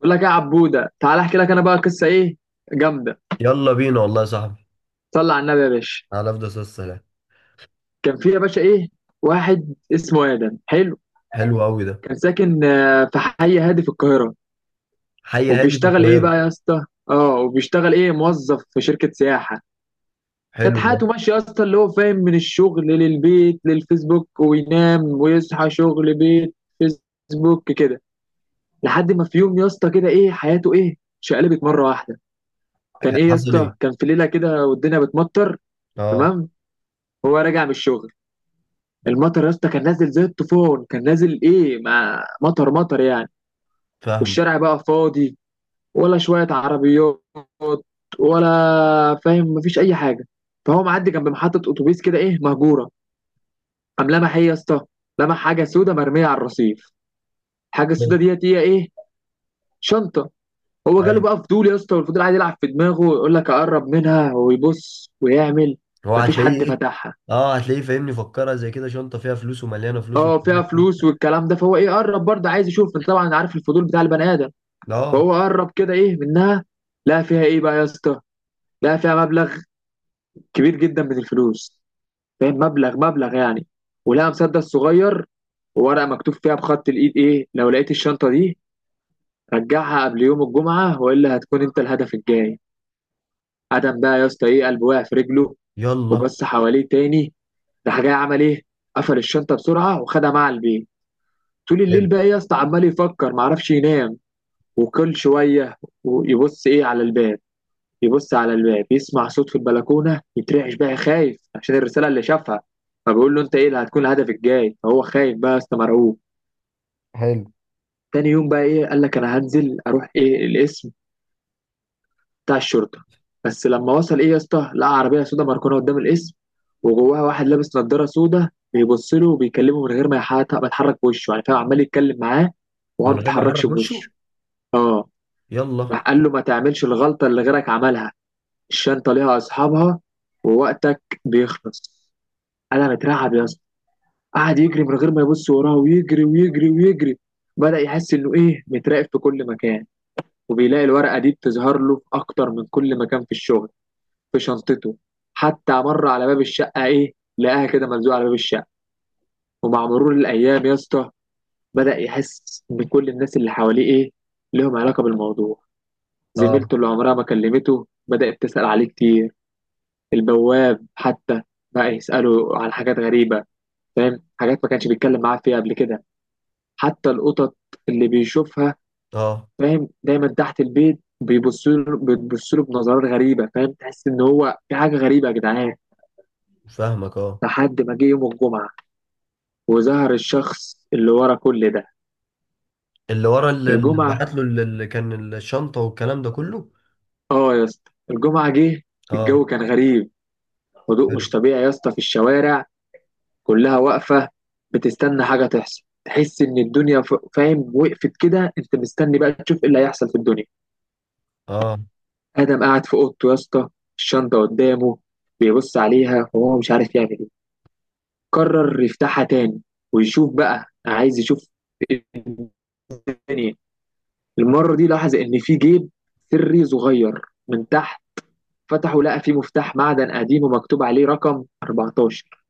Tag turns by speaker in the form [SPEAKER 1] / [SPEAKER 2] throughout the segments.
[SPEAKER 1] بقول لك إيه يا عبوده، تعالى احكي لك انا بقى قصه ايه جامده.
[SPEAKER 2] يلا بينا والله يا صاحبي.
[SPEAKER 1] صلى على النبي يا باشا.
[SPEAKER 2] على أفضل صوت السلام.
[SPEAKER 1] كان في يا باشا ايه، واحد اسمه ادم. حلو.
[SPEAKER 2] حلو قوي ده.
[SPEAKER 1] كان ساكن في حي هادي في القاهره.
[SPEAKER 2] حي هادي في
[SPEAKER 1] وبيشتغل ايه بقى
[SPEAKER 2] القاهرة.
[SPEAKER 1] يا اسطى؟ اه، وبيشتغل ايه؟ موظف في شركه سياحه. كانت
[SPEAKER 2] حلو ده.
[SPEAKER 1] حياته ماشيه يا اسطى، اللي هو فاهم، من الشغل للبيت للفيسبوك وينام ويصحى، شغل بيت فيسبوك كده. لحد ما في يوم يا اسطى كده ايه، حياته ايه، شقلبت مره واحده. كان ايه يا
[SPEAKER 2] حصل
[SPEAKER 1] اسطى،
[SPEAKER 2] إيه؟
[SPEAKER 1] كان في ليله كده والدنيا بتمطر.
[SPEAKER 2] أه.
[SPEAKER 1] تمام. هو راجع من الشغل، المطر يا اسطى كان نازل زي الطوفان، كان نازل ايه، ما مطر مطر يعني.
[SPEAKER 2] فاهم.
[SPEAKER 1] والشارع بقى فاضي، ولا شوية عربيات، ولا فاهم مفيش أي حاجة. فهو معدي جنب محطة أتوبيس كده إيه، مهجورة. قام لمح إيه يا اسطى؟ لمح حاجة سودة مرمية على الرصيف. الحاجة السودة
[SPEAKER 2] حلو.
[SPEAKER 1] ديت هي إيه؟ شنطة. هو جاله
[SPEAKER 2] أيوه.
[SPEAKER 1] بقى فضول يا اسطى، والفضول قاعد يلعب في دماغه ويقول لك أقرب منها ويبص ويعمل.
[SPEAKER 2] هو
[SPEAKER 1] مفيش
[SPEAKER 2] هتلاقيه
[SPEAKER 1] حد
[SPEAKER 2] إيه؟
[SPEAKER 1] فتحها.
[SPEAKER 2] أه، هتلاقيه فاهمني، فكرها زي كده شنطة فيها فلوس ومليانة فلوس
[SPEAKER 1] اه، فيها
[SPEAKER 2] ومليانة
[SPEAKER 1] فلوس
[SPEAKER 2] فلوس.
[SPEAKER 1] والكلام ده. فهو ايه، قرب برضه عايز يشوف، انت طبعا عارف الفضول بتاع البني ادم.
[SPEAKER 2] أه.
[SPEAKER 1] فهو قرب كده ايه منها. لقى فيها ايه بقى يا اسطى؟ لقى فيها مبلغ كبير جدا من الفلوس. فاهم، مبلغ مبلغ يعني. ولقى مسدس صغير، وورقه مكتوب فيها بخط الايد ايه: لو لقيت الشنطه دي رجعها قبل يوم الجمعه، والا هتكون انت الهدف الجاي. ادم بقى يا اسطى ايه، قلبه وقع في رجله.
[SPEAKER 2] يلا.
[SPEAKER 1] وبص حواليه تاني. راح جاي عمل ايه؟ قفل الشنطه بسرعه وخدها معاه البيت. طول الليل
[SPEAKER 2] حلو
[SPEAKER 1] بقى إيه يا اسطى، عمال يفكر معرفش ينام. وكل شوية يبص إيه على الباب، يبص على الباب، يسمع صوت في البلكونة، يترعش بقى خايف عشان الرسالة اللي شافها. فبيقول له أنت إيه اللي هتكون هدفك الجاي. فهو خايف بقى يا اسطى، مرعوب.
[SPEAKER 2] حلو.
[SPEAKER 1] تاني يوم بقى إيه، قال لك أنا هنزل أروح إيه القسم بتاع الشرطة. بس لما وصل إيه يا اسطى، لقى عربية سودا مركونة قدام القسم، وجواها واحد لابس نضارة سودا بيبص له وبيكلمه من غير ما يتحرك بوشه يعني، فاهم، عمال يتكلم معاه وهو ما
[SPEAKER 2] من غير ما يحرك
[SPEAKER 1] بيتحركش
[SPEAKER 2] وشه.
[SPEAKER 1] بوشه. اه.
[SPEAKER 2] يلا.
[SPEAKER 1] راح قال له ما تعملش الغلطة اللي غيرك عملها، الشنطه ليها اصحابها، ووقتك بيخلص. انا مترعب يا اسطى. قعد يجري من غير ما يبص وراه، ويجري ويجري ويجري. بدأ يحس انه ايه، متراقب في كل مكان. وبيلاقي الورقه دي بتظهر له في اكتر من كل مكان، في الشغل، في شنطته، حتى مر على باب الشقه ايه، لقاها كده ملزوقه على باب الشقه. ومع مرور الايام يا اسطى، بدأ يحس ان كل الناس اللي حواليه ايه، لهم علاقه بالموضوع.
[SPEAKER 2] أه
[SPEAKER 1] زميلته اللي عمرها ما كلمته بدأت تسأل عليه كتير. البواب حتى بقى يسأله على حاجات غريبة، فاهم، حاجات ما كانش بيتكلم معاه فيها قبل كده. حتى القطط اللي بيشوفها،
[SPEAKER 2] أه.
[SPEAKER 1] فاهم، دايما تحت البيت بيبصوا له، بيبصوا له بنظرات غريبة، فاهم، تحس إن هو في حاجة غريبة يا جدعان.
[SPEAKER 2] فاهمك أه.
[SPEAKER 1] لحد ما جه يوم الجمعة وظهر الشخص اللي ورا كل ده.
[SPEAKER 2] اللي ورا اللي
[SPEAKER 1] الجمعة،
[SPEAKER 2] بعت له اللي كان الشنطة والكلام ده كله.
[SPEAKER 1] آه يا اسطى الجمعة جه. الجو
[SPEAKER 2] أه.
[SPEAKER 1] كان غريب، هدوء
[SPEAKER 2] حلو.
[SPEAKER 1] مش طبيعي يا اسطى في الشوارع، كلها واقفة بتستنى حاجة تحصل. تحس إن الدنيا فاهم، وقفت كده، أنت مستني بقى تشوف إيه اللي هيحصل في الدنيا.
[SPEAKER 2] أه.
[SPEAKER 1] آدم قاعد في أوضته يا اسطى، الشنطة قدامه، بيبص عليها وهو مش عارف يعمل إيه. قرر يفتحها تاني ويشوف بقى، عايز يشوف الدنيا. المرة دي لاحظ إن في جيب سري صغير من تحت. فتحه لقى فيه مفتاح معدن قديم ومكتوب عليه رقم 14.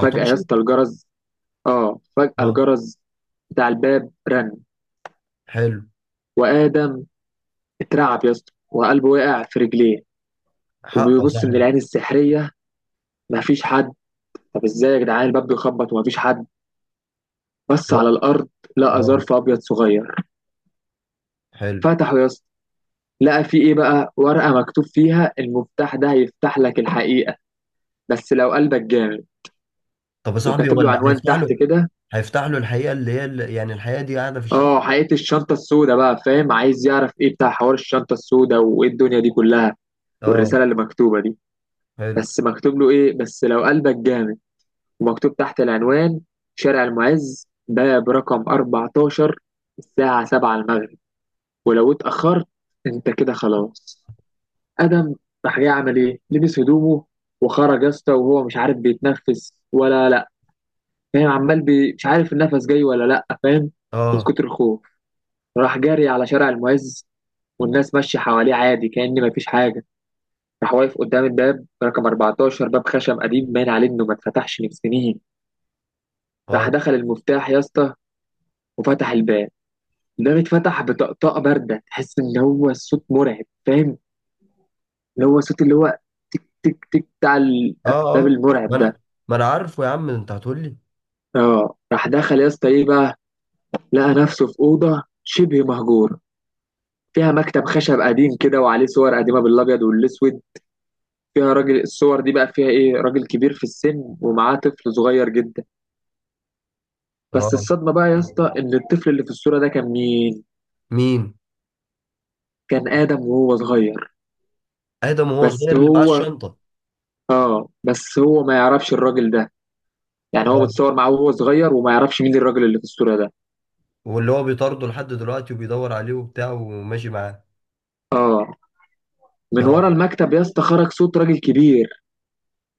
[SPEAKER 1] فجأة يا اسطى الجرس، آه فجأة
[SPEAKER 2] أه.
[SPEAKER 1] الجرس بتاع الباب رن.
[SPEAKER 2] حلو.
[SPEAKER 1] وآدم اترعب يا اسطى وقلبه وقع في رجليه.
[SPEAKER 2] حقه
[SPEAKER 1] وبيبص
[SPEAKER 2] صح.
[SPEAKER 1] من العين السحرية، مفيش حد. طب ازاي يا جدعان الباب بيخبط ومفيش حد؟ بص على
[SPEAKER 2] هو.
[SPEAKER 1] الأرض، لقى
[SPEAKER 2] اه.
[SPEAKER 1] ظرف أبيض صغير.
[SPEAKER 2] حلو.
[SPEAKER 1] فتحه يا اسطى، لقى فيه إيه بقى، ورقة مكتوب فيها: المفتاح ده هيفتح لك الحقيقة، بس لو قلبك جامد.
[SPEAKER 2] طب يا صاحبي هو
[SPEAKER 1] وكاتب له
[SPEAKER 2] اللي
[SPEAKER 1] عنوان
[SPEAKER 2] هيفتح
[SPEAKER 1] تحت
[SPEAKER 2] له
[SPEAKER 1] كده.
[SPEAKER 2] هيفتح له الحقيقه، اللي هي اللي يعني الحقيقه دي قاعده في
[SPEAKER 1] اه،
[SPEAKER 2] الشنطه.
[SPEAKER 1] حقيقة الشنطة السوداء بقى، فاهم، عايز يعرف ايه بتاع حوار الشنطة السوداء وايه الدنيا دي كلها،
[SPEAKER 2] اه.
[SPEAKER 1] والرسالة اللي مكتوبة دي.
[SPEAKER 2] حلو.
[SPEAKER 1] بس مكتوب له ايه؟ بس لو قلبك جامد. ومكتوب تحت العنوان: شارع المعز ده برقم 14، الساعة 7 المغرب، ولو اتأخرت انت كده خلاص. آدم راح جاي عمل ايه؟ لبس هدومه وخرج يا اسطى وهو مش عارف بيتنفس ولا لا. فاهم، عمال مش عارف النفس جاي ولا لا، فاهم، من
[SPEAKER 2] اه
[SPEAKER 1] كتر الخوف. راح جاري على شارع المعز، والناس ماشية حواليه عادي كأن مفيش حاجة. راح واقف قدام الباب رقم 14، باب خشب قديم باين عليه انه ما اتفتحش من سنين. راح
[SPEAKER 2] اه
[SPEAKER 1] دخل المفتاح يا اسطى وفتح الباب. ده بيتفتح بطقطقه بارده، تحس ان هو الصوت مرعب، فاهم، اللي هو صوت اللي هو تك تك تك بتاع
[SPEAKER 2] اه
[SPEAKER 1] الافلام
[SPEAKER 2] اه. ما
[SPEAKER 1] المرعب ده.
[SPEAKER 2] انا ما انا عارفه يا عم، انت هتقول لي.
[SPEAKER 1] اه. راح دخل يا اسطى ايه بقى، لقى نفسه في اوضه شبه مهجور، فيها مكتب خشب قديم كده وعليه صور قديمه بالابيض والاسود. فيها راجل، الصور دي بقى فيها ايه، راجل كبير في السن ومعاه طفل صغير جدا. بس
[SPEAKER 2] اه.
[SPEAKER 1] الصدمه بقى يا اسطى، ان الطفل اللي في الصوره ده كان مين؟
[SPEAKER 2] مين؟
[SPEAKER 1] كان ادم وهو صغير.
[SPEAKER 2] ادم وهو
[SPEAKER 1] بس
[SPEAKER 2] صغير اللي معاه
[SPEAKER 1] هو
[SPEAKER 2] الشنطه.
[SPEAKER 1] اه، بس هو ما يعرفش الراجل ده. يعني هو
[SPEAKER 2] اه.
[SPEAKER 1] متصور معاه وهو صغير وما يعرفش مين الراجل اللي في الصورة ده.
[SPEAKER 2] واللي هو بيطارده لحد دلوقتي وبيدور عليه وبتاع وماشي معاه.
[SPEAKER 1] اه. من
[SPEAKER 2] اه.
[SPEAKER 1] ورا المكتب يا اسطى خرج صوت راجل كبير،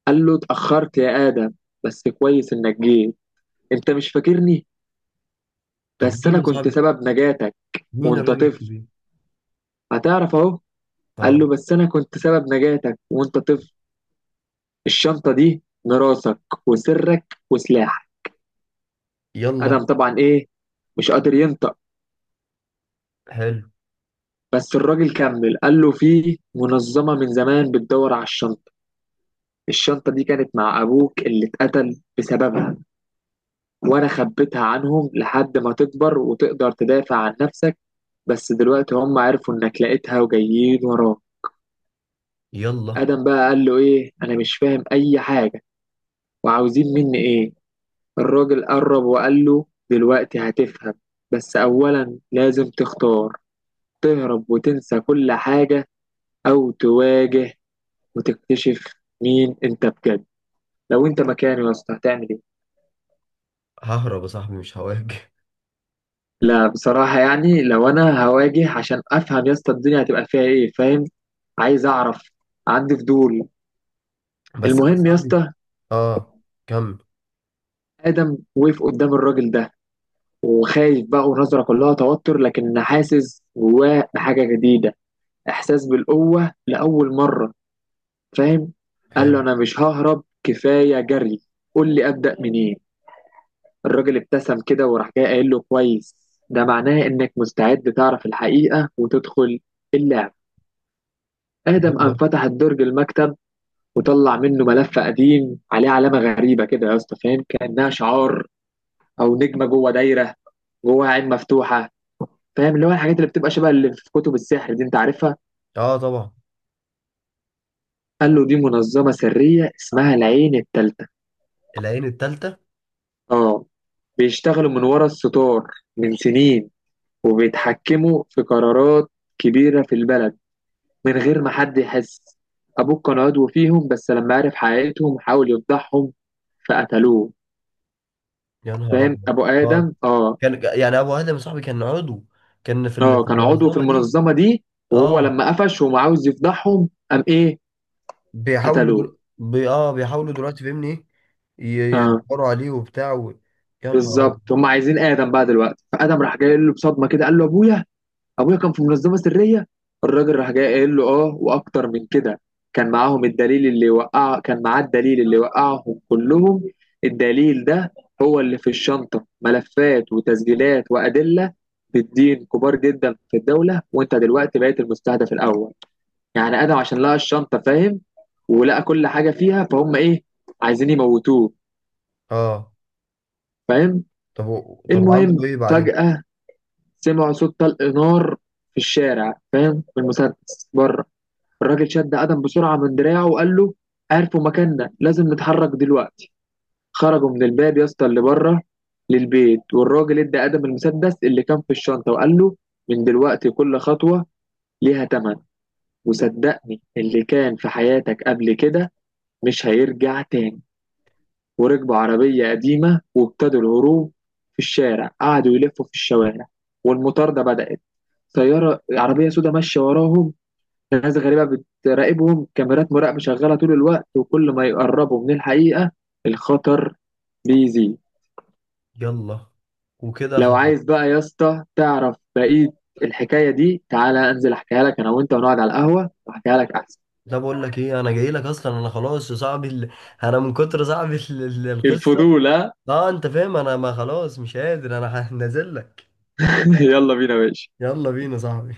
[SPEAKER 1] قال له اتأخرت يا آدم، بس كويس انك جيت. انت مش فاكرني،
[SPEAKER 2] طب
[SPEAKER 1] بس
[SPEAKER 2] مين
[SPEAKER 1] انا
[SPEAKER 2] يا
[SPEAKER 1] كنت
[SPEAKER 2] صاحبي؟
[SPEAKER 1] سبب نجاتك
[SPEAKER 2] مين
[SPEAKER 1] وانت
[SPEAKER 2] الراجل
[SPEAKER 1] طفل.
[SPEAKER 2] الكبير؟
[SPEAKER 1] هتعرف اهو. قال
[SPEAKER 2] اه.
[SPEAKER 1] له بس انا كنت سبب نجاتك وانت طفل. الشنطة دي ميراثك وسرك وسلاحك. آدم
[SPEAKER 2] يلا.
[SPEAKER 1] طبعا ايه، مش قادر ينطق.
[SPEAKER 2] حلو.
[SPEAKER 1] بس الراجل كمل، قال له في منظمة من زمان بتدور على الشنطة. الشنطة دي كانت مع أبوك اللي اتقتل بسببها، وأنا خبيتها عنهم لحد ما تكبر وتقدر تدافع عن نفسك. بس دلوقتي هم عرفوا إنك لقيتها وجايين وراك.
[SPEAKER 2] يلا.
[SPEAKER 1] آدم بقى قال له إيه، أنا مش فاهم أي حاجة، وعاوزين مني إيه؟ الراجل قرب وقال له دلوقتي هتفهم، بس أولا لازم تختار: تهرب وتنسى كل حاجة، أو تواجه وتكتشف مين أنت بجد. لو أنت مكاني يا أسطى هتعمل إيه؟
[SPEAKER 2] ههرب يا صاحبي، مش هواجه.
[SPEAKER 1] لا بصراحة يعني لو أنا هواجه عشان أفهم يا اسطى الدنيا هتبقى فيها إيه، فاهم، عايز أعرف، عندي فضول.
[SPEAKER 2] بس انا
[SPEAKER 1] المهم يا
[SPEAKER 2] صاحبي.
[SPEAKER 1] اسطى.
[SPEAKER 2] اه. كمل.
[SPEAKER 1] آدم وقف قدام الراجل ده، وخايف بقى ونظرة كلها توتر، لكن حاسس جواه بحاجة جديدة، إحساس بالقوة لأول مرة، فاهم. قال له
[SPEAKER 2] حلو.
[SPEAKER 1] أنا مش ههرب، كفاية جري، قول لي أبدأ منين. الراجل ابتسم كده وراح جاي قايل له كويس، ده معناه إنك مستعد تعرف الحقيقة وتدخل اللعبة. آدم قام
[SPEAKER 2] يلا.
[SPEAKER 1] فتح الدرج المكتب وطلع منه ملف قديم عليه علامة غريبة كده يا اسطى، فاهم، كأنها شعار، أو نجمة جوه دايرة جوه عين مفتوحة، فاهم، اللي هو الحاجات اللي بتبقى شبه اللي في كتب السحر دي أنت عارفها.
[SPEAKER 2] اه. طبعا.
[SPEAKER 1] قال له دي منظمة سرية اسمها العين التالتة.
[SPEAKER 2] العين التالتة.
[SPEAKER 1] آه. بيشتغلوا من ورا الستار من سنين، وبيتحكموا في قرارات كبيرة في البلد من غير ما حد يحس. أبوك كان عضو فيهم، بس لما عرف حقيقتهم حاول يفضحهم فقتلوه.
[SPEAKER 2] يا نهار
[SPEAKER 1] فاهم،
[SPEAKER 2] ابيض.
[SPEAKER 1] ابو
[SPEAKER 2] اه.
[SPEAKER 1] ادم. اه.
[SPEAKER 2] كان يعني ابو ادم صاحبي كان عضو، كان في
[SPEAKER 1] اه،
[SPEAKER 2] في
[SPEAKER 1] كان عضو في
[SPEAKER 2] المنظمة دي.
[SPEAKER 1] المنظمه دي. وهو
[SPEAKER 2] اه.
[SPEAKER 1] لما قفش وما عاوز يفضحهم قام ايه، قتلوه.
[SPEAKER 2] بيحاولوا دلوقتي فاهمني ايه.
[SPEAKER 1] اه،
[SPEAKER 2] يدوروا عليه وبتاع يا نهار ابيض.
[SPEAKER 1] بالظبط. هم عايزين ادم بقى دلوقتي. فادم راح جاي قايل له بصدمه كده، قال له ابويا، ابويا كان في منظمه سريه؟ الراجل راح جاي قايل له اه، واكتر من كده. كان معاهم الدليل اللي وقع، كان معاه الدليل اللي وقعهم كلهم. الدليل ده هو اللي في الشنطه: ملفات وتسجيلات وادله بالدين كبار جدا في الدوله. وانت دلوقتي بقيت المستهدف الاول. يعني ادم عشان لقى الشنطه، فاهم، ولقى كل حاجه فيها، فهم ايه، عايزين يموتوه،
[SPEAKER 2] اه.
[SPEAKER 1] فاهم.
[SPEAKER 2] طب طب
[SPEAKER 1] المهم،
[SPEAKER 2] وعملوا ايه بعدين؟
[SPEAKER 1] فجاه سمعوا صوت طلق نار في الشارع، فاهم، بالمسدس بره. الراجل شد ادم بسرعه من دراعه وقال له عرفوا مكاننا، لازم نتحرك دلوقتي. خرجوا من الباب يا اسطى اللي بره للبيت، والراجل ادى ادم المسدس اللي كان في الشنطه وقال له من دلوقتي كل خطوه ليها تمن، وصدقني اللي كان في حياتك قبل كده مش هيرجع تاني. وركبوا عربية قديمة وابتدوا الهروب. في الشارع قعدوا يلفوا في الشوارع، والمطاردة بدأت، سيارة عربية سوداء ماشية وراهم، ناس غريبة بتراقبهم، كاميرات مراقبة شغالة طول الوقت، وكل ما يقربوا من الحقيقة الخطر بيزيد.
[SPEAKER 2] يلا. وكده
[SPEAKER 1] لو
[SPEAKER 2] خلاص.
[SPEAKER 1] عايز بقى يا اسطى تعرف بقية الحكاية دي، تعالى أنزل أحكيها لك، أنا وأنت ونقعد على القهوة وأحكيها لك أحسن.
[SPEAKER 2] ده بقول لك ايه؟ انا جاي لك اصلا. انا خلاص يا صاحبي انا من كتر صاحبي القصه.
[SPEAKER 1] الفضول ها.
[SPEAKER 2] اه انت فاهم. انا ما خلاص مش قادر. انا هنزل لك.
[SPEAKER 1] يلا بينا يا باشا.
[SPEAKER 2] يلا بينا يا صاحبي